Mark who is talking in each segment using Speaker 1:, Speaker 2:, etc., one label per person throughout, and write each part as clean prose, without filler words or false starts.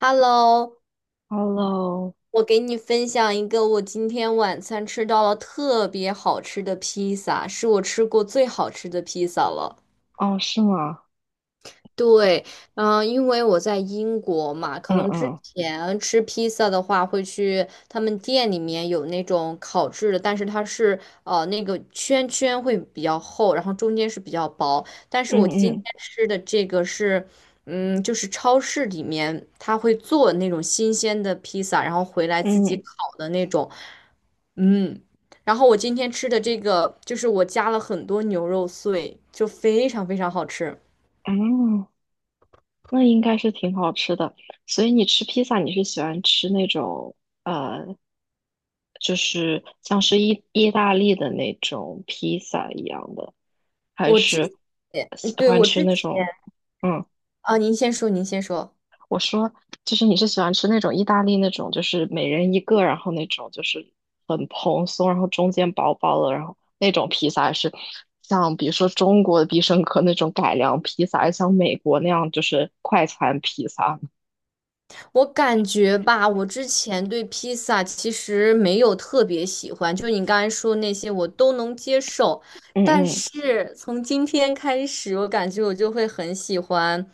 Speaker 1: Hello，
Speaker 2: Hello，
Speaker 1: 我给你分享一个我今天晚餐吃到了特别好吃的披萨，是我吃过最好吃的披萨了。
Speaker 2: 哦，是吗？
Speaker 1: 对，因为我在英国嘛，可
Speaker 2: 嗯
Speaker 1: 能之
Speaker 2: 嗯
Speaker 1: 前吃披萨的话，会去他们店里面有那种烤制的，但是它是那个圈圈会比较厚，然后中间是比较薄。但是我今天
Speaker 2: 嗯
Speaker 1: 吃的这个是，嗯，就是超市里面他会做那种新鲜的披萨，然后回来自己
Speaker 2: 嗯
Speaker 1: 烤的那种，嗯。然后我今天吃的这个，就是我加了很多牛肉碎，就非常非常好吃。
Speaker 2: 嗯，哦，那应该是挺好吃的。所以你吃披萨，你是喜欢吃那种呃，就是像是意大利的那种披萨一样的，还
Speaker 1: 我之
Speaker 2: 是
Speaker 1: 前，
Speaker 2: 喜
Speaker 1: 对，
Speaker 2: 欢
Speaker 1: 我
Speaker 2: 吃
Speaker 1: 之
Speaker 2: 那
Speaker 1: 前
Speaker 2: 种？嗯。
Speaker 1: 啊，您先说，您先说。
Speaker 2: 我说，就是你是喜欢吃那种意大利那种，就是每人一个，然后那种就是很蓬松，然后中间薄薄的，然后那种披萨，还是像比如说中国的必胜客那种改良披萨，还是像美国那样就是快餐披萨？
Speaker 1: 我感觉吧，我之前对披萨其实没有特别喜欢，就你刚才说那些我都能接受，
Speaker 2: 嗯
Speaker 1: 但
Speaker 2: 嗯
Speaker 1: 是从今天开始，我感觉我就会很喜欢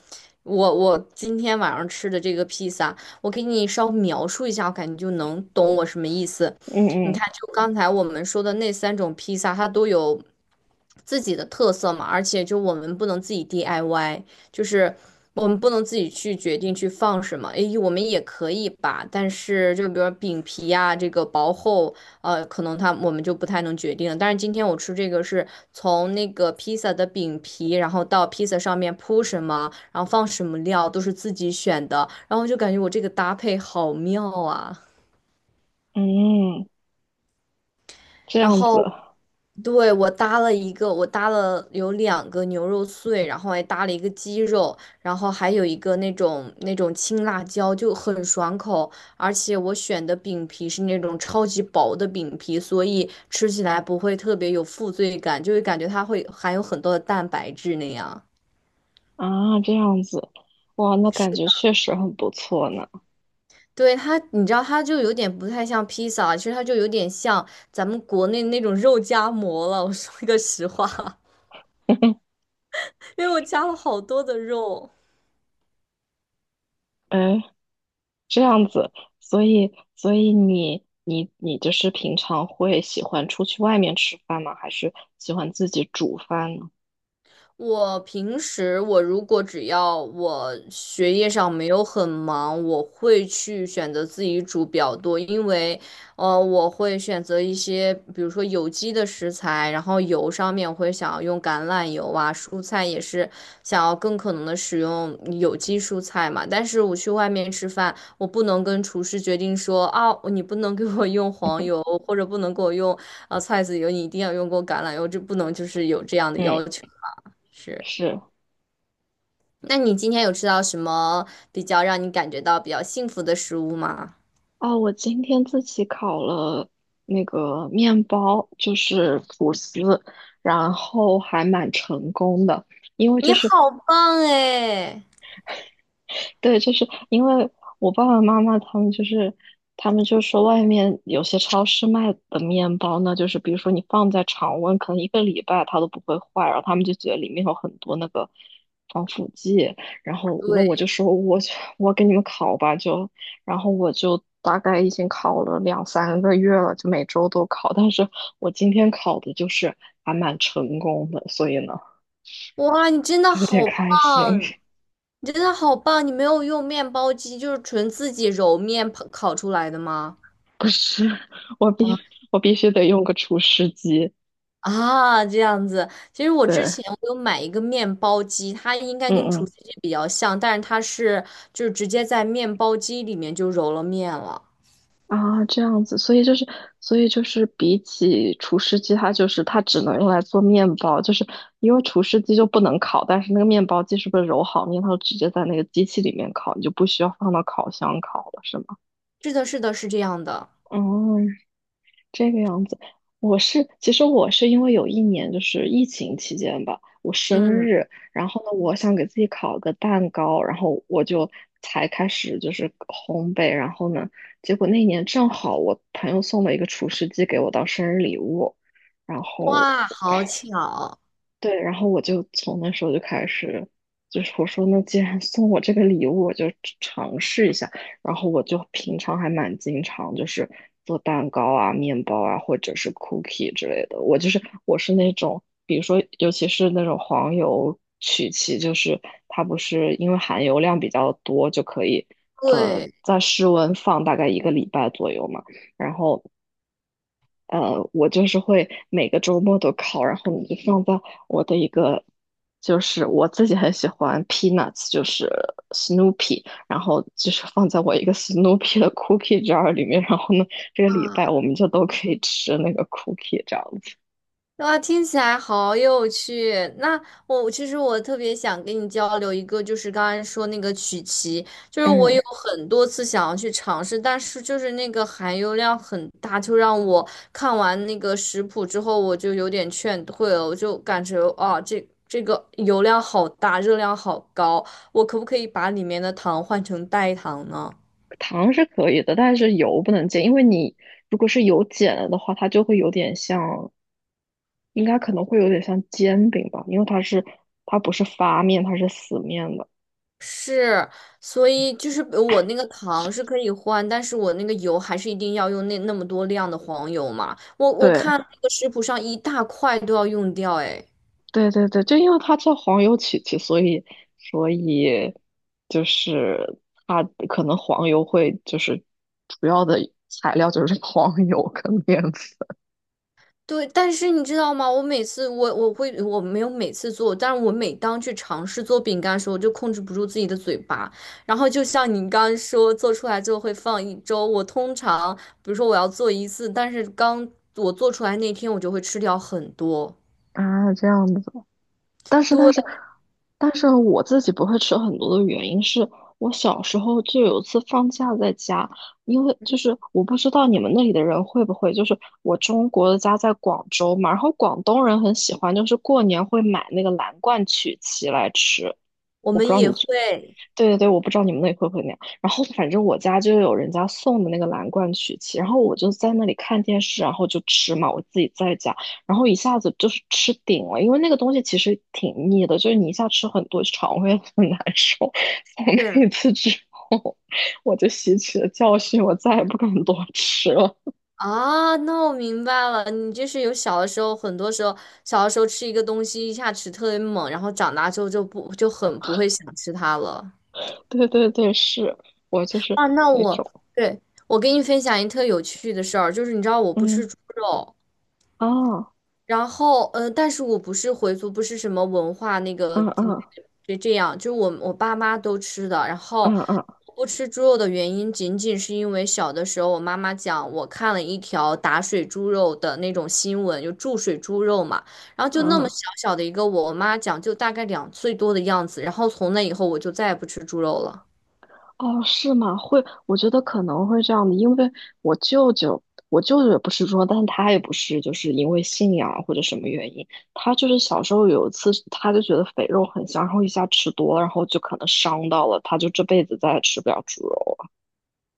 Speaker 1: 我今天晚上吃的这个披萨。我给你稍微描述一下，我感觉就能懂我什么意思。你
Speaker 2: 嗯
Speaker 1: 看，就刚才我们说的那三种披萨，它都有自己的特色嘛，而且就我们不能自己 DIY。就是我们不能自己去决定去放什么，诶，我们也可以吧，但是就比如说饼皮呀、这个薄厚，可能它我们就不太能决定了，但是今天我吃这个是从那个披萨的饼皮，然后到披萨上面铺什么，然后放什么料，都是自己选的，然后就感觉我这个搭配好妙啊。
Speaker 2: 嗯嗯，这
Speaker 1: 然
Speaker 2: 样子
Speaker 1: 后对我搭了一个，我搭了有两个牛肉碎，然后还搭了一个鸡肉，然后还有一个那种青辣椒，就很爽口。而且我选的饼皮是那种超级薄的饼皮，所以吃起来不会特别有负罪感，就会感觉它会含有很多的蛋白质那样。
Speaker 2: 啊，这样子，哇，那
Speaker 1: 是，
Speaker 2: 感觉确实很不错呢。
Speaker 1: 对它，你知道它就有点不太像披萨，其实它就有点像咱们国内那种肉夹馍了。我说一个实话。因为我加了好多的肉。
Speaker 2: 哎，这样子，所以你就是平常会喜欢出去外面吃饭吗？还是喜欢自己煮饭呢？
Speaker 1: 我平时我如果只要我学业上没有很忙，我会去选择自己煮比较多，因为我会选择一些比如说有机的食材，然后油上面我会想要用橄榄油啊，蔬菜也是想要更可能的使用有机蔬菜嘛。但是我去外面吃饭，我不能跟厨师决定说啊，你不能给我用黄油，或者不能给我用菜籽油，你一定要用过橄榄油，这不能就是有这样的
Speaker 2: 嗯，
Speaker 1: 要求。是，
Speaker 2: 是
Speaker 1: 那你今天有吃到什么比较让你感觉到比较幸福的食物吗？
Speaker 2: 哦，我今天自己烤了那个面包，就是吐司，然后还蛮成功的，因为就
Speaker 1: 你
Speaker 2: 是
Speaker 1: 好棒哎！
Speaker 2: 对，就是因为我爸爸妈妈他们就是，他们就说外面有些超市卖的面包呢，就是比如说你放在常温，可能一个礼拜它都不会坏，然后他们就觉得里面有很多那个防腐剂，然后那我
Speaker 1: 对，
Speaker 2: 就说我给你们烤吧，就然后我就大概已经烤了两三个月了，就每周都烤，但是我今天烤的就是还蛮成功的，所以呢
Speaker 1: 哇，你真的
Speaker 2: 就有点
Speaker 1: 好棒，
Speaker 2: 开心。
Speaker 1: 你真的好棒！你没有用面包机，就是纯自己揉面烤出来的吗？
Speaker 2: 不是，我必
Speaker 1: 啊
Speaker 2: 我必须得用个除湿机。
Speaker 1: 啊，这样子。其实我之
Speaker 2: 对，
Speaker 1: 前我有买一个面包机，它应该跟
Speaker 2: 嗯
Speaker 1: 厨
Speaker 2: 嗯
Speaker 1: 师机比较像，但是它是就是直接在面包机里面就揉了面了。
Speaker 2: 啊，这样子，所以就是，所以就是比起除湿机，它就是它只能用来做面包，就是因为除湿机就不能烤，但是那个面包机是不是揉好面，它就直接在那个机器里面烤，你就不需要放到烤箱烤了，是吗？
Speaker 1: 是的，是的，是这样的。
Speaker 2: 哦，这个样子，其实我是因为有一年就是疫情期间吧，我生
Speaker 1: 嗯，
Speaker 2: 日，然后呢，我想给自己烤个蛋糕，然后我就才开始就是烘焙，然后呢，结果那年正好我朋友送了一个厨师机给我当生日礼物，然后
Speaker 1: 哇，好巧。
Speaker 2: 对，然后我就从那时候就开始，就是我说那既然送我这个礼物，我就吃尝试一下。然后我就平常还蛮经常就是做蛋糕啊、面包啊，或者是 cookie 之类的。我是那种，比如说尤其是那种黄油曲奇，就是它不是因为含油量比较多，就可以
Speaker 1: 对
Speaker 2: 在室温放大概一个礼拜左右嘛。然后我就是会每个周末都烤，然后你就放在我的一个，就是我自己很喜欢 Peanuts，就是 Snoopy，然后就是放在我一个 Snoopy 的 cookie jar 里面，然后呢，这个礼拜
Speaker 1: 啊，
Speaker 2: 我们就都可以吃那个 cookie 这样子。
Speaker 1: 哇，听起来好有趣。那我其实我特别想跟你交流一个，就是刚才说那个曲奇，就是我
Speaker 2: 嗯，
Speaker 1: 有很多次想要去尝试，但是就是那个含油量很大，就让我看完那个食谱之后，我就有点劝退了，我就感觉啊，这个油量好大，热量好高，我可不可以把里面的糖换成代糖呢？
Speaker 2: 糖是可以的，但是油不能减，因为你如果是油减了的话，它就会有点像，应该可能会有点像煎饼吧，因为它不是发面，它是死面的。
Speaker 1: 是，所以就是我那个糖是可以换，但是我那个油还是一定要用那那么多量的黄油嘛。我
Speaker 2: 对。
Speaker 1: 看那个食谱上一大块都要用掉，哎，
Speaker 2: 对对对，就因为它叫黄油曲奇，所以就是它可能黄油会就是主要的材料就是 黄油跟面粉
Speaker 1: 对。但是你知道吗？我没有每次做，但是我每当去尝试做饼干的时候，我就控制不住自己的嘴巴。然后就像你刚刚说，做出来之后会放一周。我通常比如说我要做一次，但是刚我做出来那天我就会吃掉很多。
Speaker 2: 啊这样子。但是
Speaker 1: 对，
Speaker 2: 但是但是我自己不会吃很多的原因是我小时候就有一次放假在家，因为就是我不知道你们那里的人会不会，就是我中国的家在广州嘛，然后广东人很喜欢就是过年会买那个蓝罐曲奇来吃。
Speaker 1: 我们也会。
Speaker 2: 对对对，我不知道你们那里会不会那样。然后反正我家就有人家送的那个蓝罐曲奇，然后我就在那里看电视，然后就吃嘛，我自己在家，然后一下子就是吃顶了，因为那个东西其实挺腻的，就是你一下吃很多，肠胃很难受。从那
Speaker 1: 是。
Speaker 2: 一次之后，我就吸取了教训，我再也不敢多吃了。
Speaker 1: 啊，那我明白了，你就是有小的时候，很多时候小的时候吃一个东西一下吃特别猛，然后长大之后就很不会想吃它了。
Speaker 2: 对对对，是我就是
Speaker 1: 啊，那
Speaker 2: 那
Speaker 1: 我，
Speaker 2: 种，
Speaker 1: 对，我给你分享一特有趣的事儿，就是你知道我不
Speaker 2: 嗯
Speaker 1: 吃猪肉，
Speaker 2: 啊，
Speaker 1: 然后嗯，但是我不是回族，不是什么文化那个
Speaker 2: 嗯嗯
Speaker 1: 这这样，就是我爸妈都吃的，然后
Speaker 2: 嗯嗯
Speaker 1: 不吃猪肉的原因，仅仅是因为小的时候，我妈妈讲，我看了一条打水猪肉的那种新闻，就注水猪肉嘛。然后就那么
Speaker 2: 嗯。
Speaker 1: 小小的一个我，我妈讲就大概两岁多的样子。然后从那以后，我就再也不吃猪肉了。
Speaker 2: 哦，是吗？会，我觉得可能会这样的，因为我舅舅，我舅舅也不是说，但是他也不是，就是因为信仰或者什么原因，他就是小时候有一次，他就觉得肥肉很香，然后一下吃多了，然后就可能伤到了，他就这辈子再也吃不了猪肉了。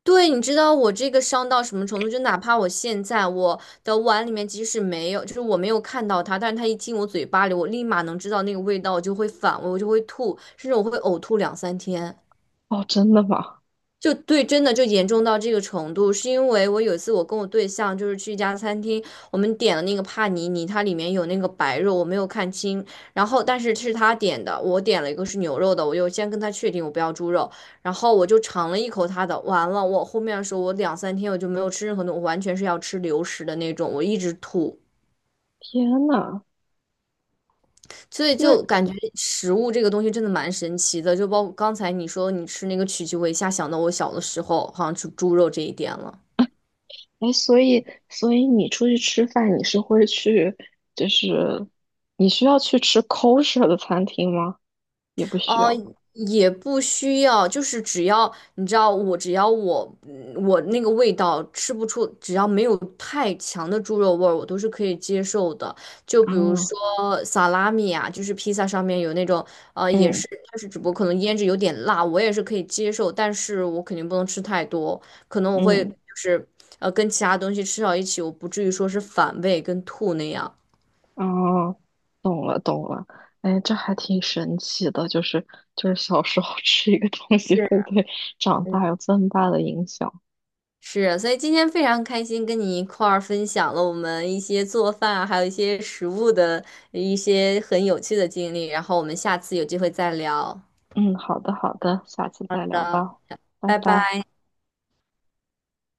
Speaker 1: 对，你知道我这个伤到什么程度？就哪怕我现在我的碗里面即使没有，就是我没有看到它，但是它一进我嘴巴里，我立马能知道那个味道，我就会反胃，我就会吐，甚至我会呕吐两三天。
Speaker 2: 哦，真的吗？
Speaker 1: 就对，真的就严重到这个程度，是因为我有一次我跟我对象就是去一家餐厅，我们点了那个帕尼尼，它里面有那个白肉，我没有看清，然后但是是他点的，我点了一个是牛肉的，我就先跟他确定我不要猪肉，然后我就尝了一口他的，完了，我后面的时候我两三天我就没有吃任何东西，我完全是要吃流食的那种，我一直吐，
Speaker 2: 天呐，
Speaker 1: 所以
Speaker 2: 那，
Speaker 1: 就感觉食物这个东西真的蛮神奇的，就包括刚才你说你吃那个曲奇，我一下想到我小的时候好像吃猪肉这一点了。
Speaker 2: 哎，所以你出去吃饭，你是会去，就是你需要去吃 kosher 的餐厅吗？也不需
Speaker 1: 哦，
Speaker 2: 要。
Speaker 1: 也不需要，就是只要你知道我，只要我我那个味道吃不出，只要没有太强的猪肉味儿，我都是可以接受的。就比如
Speaker 2: 啊，
Speaker 1: 说萨拉米啊，就是披萨上面有那种也
Speaker 2: 嗯
Speaker 1: 是，但是只不过可能腌制有点辣，我也是可以接受，但是我肯定不能吃太多，可能我会就
Speaker 2: 嗯。
Speaker 1: 是跟其他东西吃到一起，我不至于说是反胃跟吐那样。
Speaker 2: 哦，懂了懂了，哎，这还挺神奇的，就是小时候 吃一个东西会对长
Speaker 1: 是
Speaker 2: 大有这么大的影响。
Speaker 1: 是，所以今天非常开心跟你一块儿分享了我们一些做饭啊，还有一些食物的一些很有趣的经历，然后我们下次有机会再聊。
Speaker 2: 嗯，好的好的，下次
Speaker 1: 好
Speaker 2: 再聊
Speaker 1: 的，
Speaker 2: 吧，拜
Speaker 1: 拜
Speaker 2: 拜。
Speaker 1: 拜。